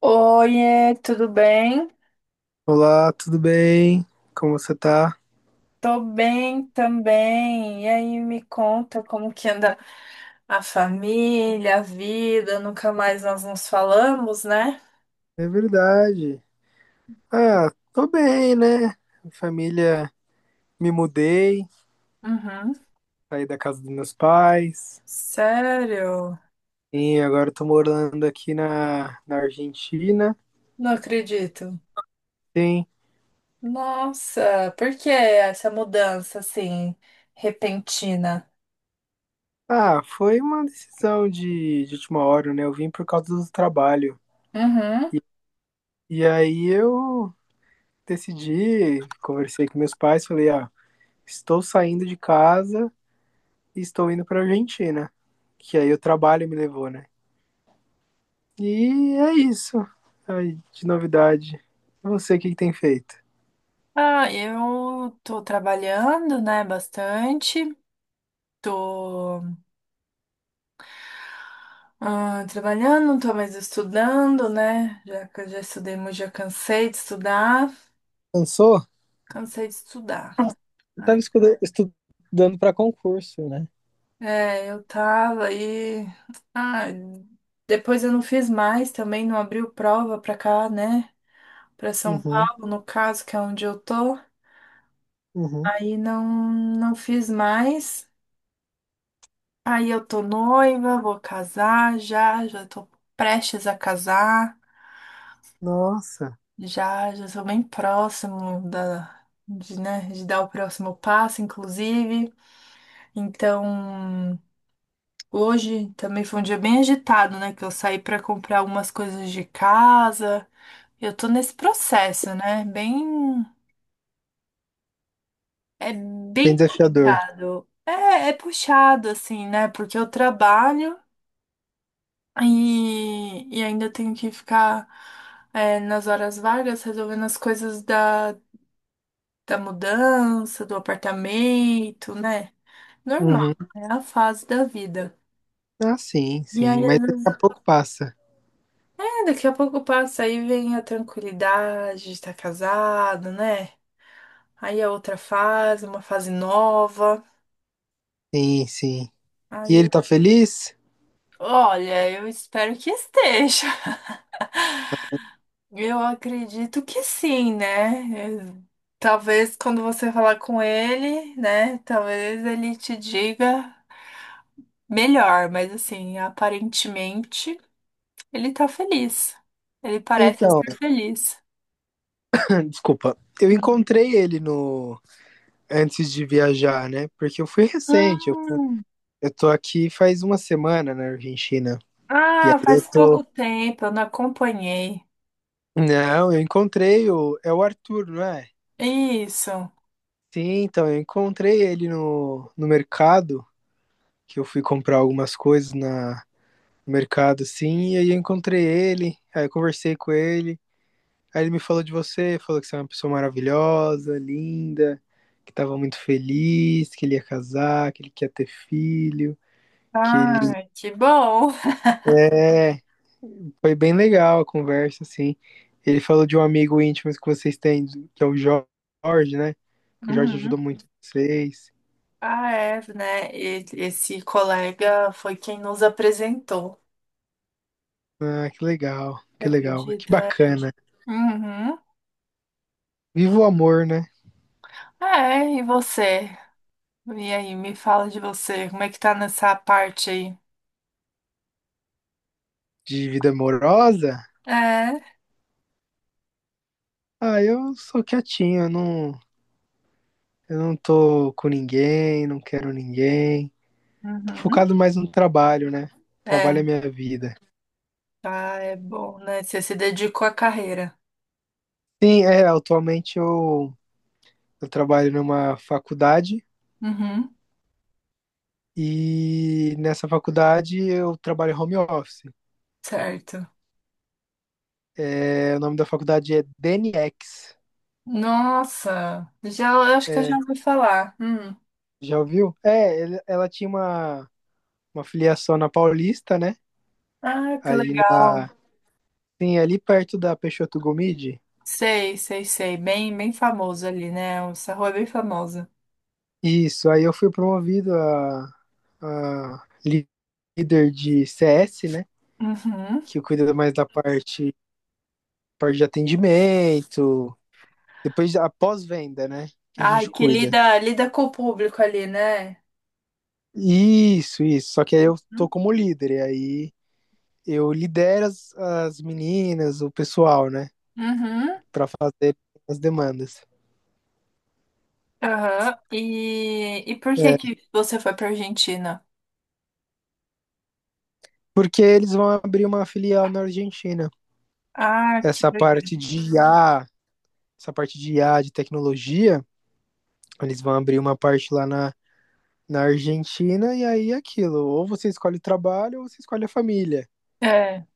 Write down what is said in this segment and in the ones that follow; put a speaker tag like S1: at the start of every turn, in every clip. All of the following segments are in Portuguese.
S1: Oiê, tudo bem?
S2: Olá, tudo bem? Como você tá?
S1: Tô bem também. E aí, me conta como que anda a família, a vida? Nunca mais nós nos falamos, né?
S2: É verdade. Ah, tô bem, né? Família, me mudei,
S1: Uhum.
S2: saí da casa dos meus pais
S1: Sério?
S2: e agora tô morando aqui na Argentina.
S1: Não acredito.
S2: Sim.
S1: Nossa, por que essa mudança assim repentina?
S2: Ah, foi uma decisão de última hora, né? Eu vim por causa do trabalho.
S1: Uhum.
S2: E aí eu decidi, conversei com meus pais, falei, ah, estou saindo de casa e estou indo pra Argentina. Que aí o trabalho me levou, né? E é isso aí de novidade. E você, o que, que tem feito?
S1: Ah, eu tô trabalhando, né, bastante. Tô Trabalhando, não tô mais estudando, né? Já, que eu já estudei muito, já cansei de estudar.
S2: Cansou?
S1: Cansei de estudar.
S2: Eu tava
S1: Ai.
S2: estudando pra concurso, né?
S1: É, eu tava aí. Ah, depois eu não fiz mais também, não abriu prova pra cá, né? Pra São
S2: Uhum,
S1: Paulo, no caso, que é onde eu tô.
S2: uhum.
S1: Aí não, não fiz mais. Aí eu tô noiva, vou casar já, já tô prestes a casar.
S2: Nossa,
S1: Já, já sou bem próximo da, de, né, de dar o próximo passo, inclusive. Então, hoje também foi um dia bem agitado, né? Que eu saí para comprar algumas coisas de casa. Eu tô nesse processo, né? Bem, é bem
S2: bem desafiador.
S1: puxado. É, é puxado, assim, né? Porque eu trabalho e ainda tenho que ficar, é, nas horas vagas resolvendo as coisas da mudança, do apartamento, né? Normal,
S2: Uhum.
S1: é a fase da vida.
S2: Ah, sim,
S1: E
S2: sim.
S1: aí, às
S2: Mas daqui a
S1: vezes,
S2: pouco passa.
S1: é, daqui a pouco passa, aí vem a tranquilidade de estar casado, né? Aí a outra fase, uma fase nova.
S2: Sim, sim. E
S1: Aí
S2: ele
S1: eu,
S2: tá feliz?
S1: olha, eu espero que esteja. Eu acredito que sim, né? Eu- Talvez quando você falar com ele, né? Talvez ele te diga melhor, mas assim, aparentemente. Ele tá feliz. Ele parece
S2: Então,
S1: estar feliz.
S2: desculpa. Eu encontrei ele no antes de viajar, né? Porque eu fui recente. Eu, fui-
S1: Hum.
S2: eu tô aqui faz uma semana na Argentina. E aí
S1: Ah,
S2: eu
S1: faz pouco
S2: tô
S1: tempo, eu não acompanhei.
S2: Não, eu encontrei o. É o Arthur, não é?
S1: Isso.
S2: Sim, então, eu encontrei ele no mercado, que eu fui comprar algumas coisas no mercado, assim, e aí eu encontrei ele, aí eu conversei com ele, aí ele me falou de você, falou que você é uma pessoa maravilhosa, linda, que estava muito feliz, que ele ia casar, que ele quer ter filho, que ele
S1: Ah, que bom.
S2: é. Foi bem legal a conversa, assim. Ele falou de um amigo íntimo que vocês têm, que é o Jorge, né? Que o Jorge
S1: Uhum.
S2: ajudou muito vocês.
S1: Ah, é, né? E- Esse colega foi quem nos apresentou.
S2: Ah, que legal,
S1: Você
S2: que legal, que
S1: acredita?
S2: bacana.
S1: Uhum.
S2: Viva o amor, né?
S1: É, e você? E aí, me fala de você. Como é que tá nessa parte aí?
S2: De vida amorosa?
S1: É.
S2: Ah, eu sou quietinho, eu não tô com ninguém, não quero ninguém. Tô
S1: Uhum.
S2: focado mais no trabalho, né? Trabalho é
S1: É.
S2: minha vida.
S1: Ah, é bom, né? Você se dedicou à carreira.
S2: Sim, é, atualmente eu trabalho numa faculdade.
S1: Uhum.
S2: E nessa faculdade eu trabalho home office.
S1: Certo.
S2: É, o nome da faculdade é DNX.
S1: Nossa, já, eu acho que eu já
S2: É,
S1: ouvi falar. Hum.
S2: já ouviu? É, ela tinha uma filiação na Paulista, né?
S1: Ah, que
S2: Ali
S1: legal.
S2: na, sim, ali perto da Peixoto Gomide.
S1: Sei, sei, sei. Bem, bem famoso ali, né? Essa rua é bem famosa.
S2: Isso, aí eu fui promovido a, a líder de CS, né?
S1: Uhum.
S2: Que cuida mais da parte de atendimento, depois a pós-venda, né? Que a
S1: Ai,
S2: gente
S1: que
S2: cuida.
S1: lida, lida com o público ali, né?
S2: Isso, isso. Só que aí eu
S1: Uhum.
S2: tô como líder, e aí eu lidero as meninas, o pessoal, né,
S1: Uhum.
S2: pra fazer as demandas.
S1: Aham. E por que
S2: É,
S1: que você foi pra Argentina?
S2: porque eles vão abrir uma filial na Argentina.
S1: Ah, que
S2: Essa
S1: legal.
S2: parte de I a essa parte de I a de tecnologia, eles vão abrir uma parte lá na Argentina, e aí é aquilo, ou você escolhe o trabalho ou você escolhe a família.
S1: É.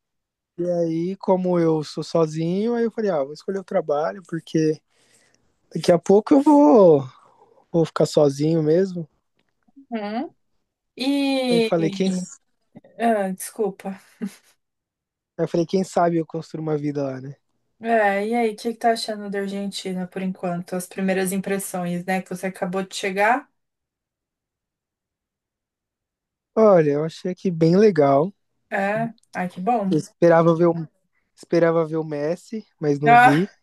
S2: E aí, como eu sou sozinho, aí eu falei, ah, vou escolher o trabalho, porque daqui a pouco eu vou ficar sozinho mesmo.
S1: Uhum.
S2: Aí
S1: E... Ah, desculpa.
S2: eu falei, quem sabe eu construo uma vida lá, né?
S1: É, e aí, o que que tá achando da Argentina por enquanto? As primeiras impressões, né? Que você acabou de chegar?
S2: Olha, eu achei aqui bem legal.
S1: É. Ai, que bom.
S2: Eu esperava ver o Messi, mas não vi.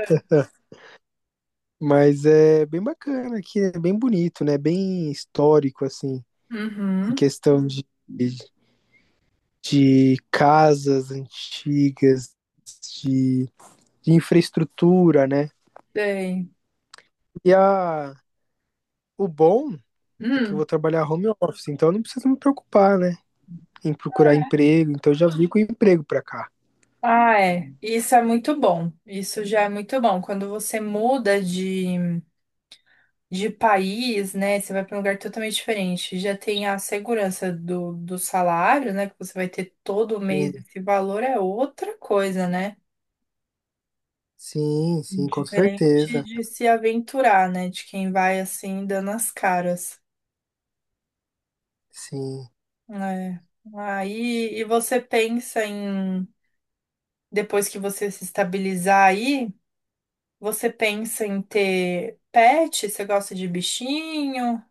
S2: Mas é bem bacana aqui, é bem bonito, né? Bem histórico, assim,
S1: Ah,
S2: em
S1: uhum.
S2: questão de, casas antigas, de, de infraestrutura, né?
S1: Sei.
S2: E o bom é que eu
S1: Hum.
S2: vou trabalhar home office, então eu não preciso me preocupar, né? Em procurar emprego, então eu já vim com emprego pra cá.
S1: Ah, é. Isso é muito bom. Isso já é muito bom. Quando você muda de país, né? Você vai para um lugar totalmente diferente. Já tem a segurança do, do salário, né? Que você vai ter todo mês. Esse valor é outra coisa, né?
S2: Sim, sim, com
S1: Diferente
S2: certeza.
S1: de se aventurar, né? De quem vai assim dando as caras.
S2: Sim.
S1: É. Aí, e você pensa em, depois que você se estabilizar aí, você pensa em ter pet? Você gosta de bichinho?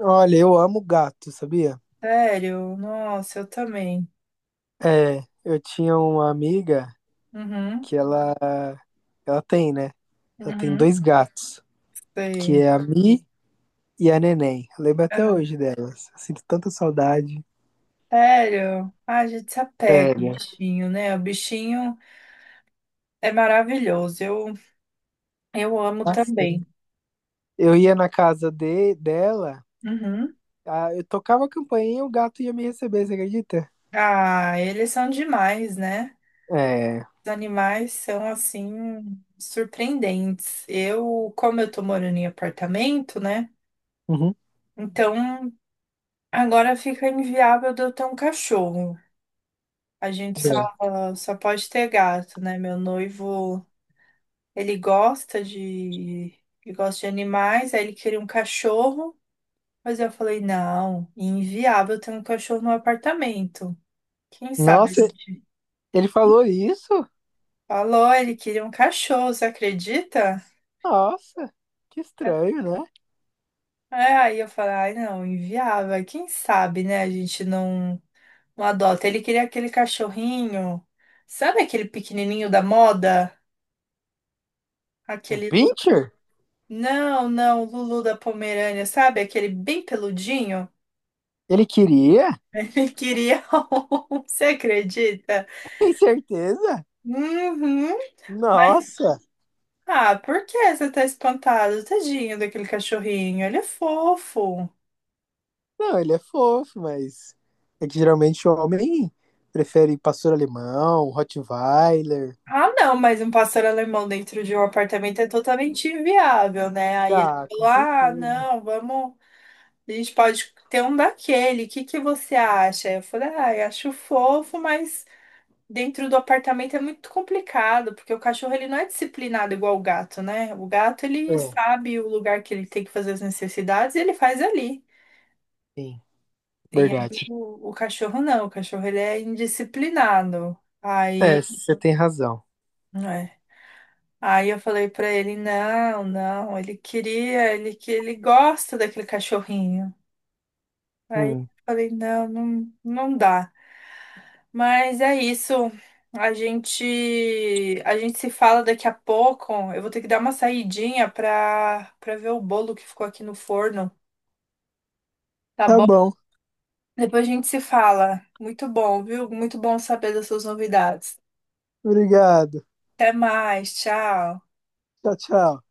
S2: Olha, eu amo gato, sabia?
S1: Sério? Nossa, eu também.
S2: É, eu tinha uma amiga
S1: Uhum,
S2: que ela tem, né? Ela tem
S1: uhum,
S2: dois gatos, que
S1: sei.
S2: é a Mi e a Neném. Eu lembro até
S1: É,
S2: hoje delas. Eu sinto tanta saudade.
S1: Sério? Ah, a gente se apega ao
S2: Sério.
S1: bichinho, né? O bichinho é maravilhoso. Eu amo
S2: Assim.
S1: também.
S2: Eu ia na casa dela,
S1: Uhum.
S2: eu tocava a campainha e o gato ia me receber, você acredita?
S1: Ah, eles são demais, né?
S2: É.
S1: Os animais são assim surpreendentes. Eu, como eu tô morando em apartamento, né?
S2: Uhum.
S1: Então agora fica inviável de eu ter um cachorro. A gente só
S2: Sim.
S1: só pode ter gato, né? Meu noivo, ele gosta de ele gosta de animais, aí ele queria um cachorro, mas eu falei, não, inviável ter um cachorro no apartamento. Quem sabe a
S2: Nossa,
S1: gente
S2: ele falou isso?
S1: falou, ele queria um cachorro, você acredita?
S2: Nossa, que estranho, né?
S1: É, aí eu falei, ai não, inviável. Aí Quem sabe, né? A gente não, não adota. Ele queria aquele cachorrinho, sabe aquele pequenininho da moda?
S2: Um
S1: Aquele. Lu-
S2: pincher?
S1: Não, não, Lulu da Pomerânia, sabe? Aquele bem peludinho.
S2: Ele queria?
S1: Ele queria um, você acredita?
S2: Tem certeza?
S1: Uhum. Mas,
S2: Nossa!
S1: ah, por que você tá espantado? Tadinho daquele cachorrinho, ele é fofo.
S2: Não, ele é fofo, mas é que geralmente o homem prefere pastor alemão, Rottweiler.
S1: Ah, não, mas um pastor alemão dentro de um apartamento é totalmente inviável, né? Aí ele
S2: Ah,
S1: falou:
S2: com
S1: Ah,
S2: certeza.
S1: não, vamos. A gente pode ter um daquele, o que que você acha? Eu falei: Ah, eu acho fofo, mas dentro do apartamento é muito complicado, porque o cachorro ele não é disciplinado igual o gato, né? O gato ele
S2: É,
S1: sabe o lugar que ele tem que fazer as necessidades e ele faz ali.
S2: sim,
S1: E aí
S2: verdade.
S1: o cachorro não, o cachorro ele é indisciplinado.
S2: É,
S1: Aí.
S2: você tem razão.
S1: É. Aí eu falei pra ele, não, não, ele queria, ele que ele gosta daquele cachorrinho. Aí eu
S2: Hum.
S1: falei, não, não, não dá. Mas é isso. A gente se fala daqui a pouco. Eu vou ter que dar uma saidinha pra para ver o bolo que ficou aqui no forno, tá
S2: Tá
S1: bom?
S2: bom.
S1: Depois a gente se fala. Muito bom, viu? Muito bom saber das suas novidades.
S2: Obrigado.
S1: Até mais, tchau.
S2: Tchau, tchau.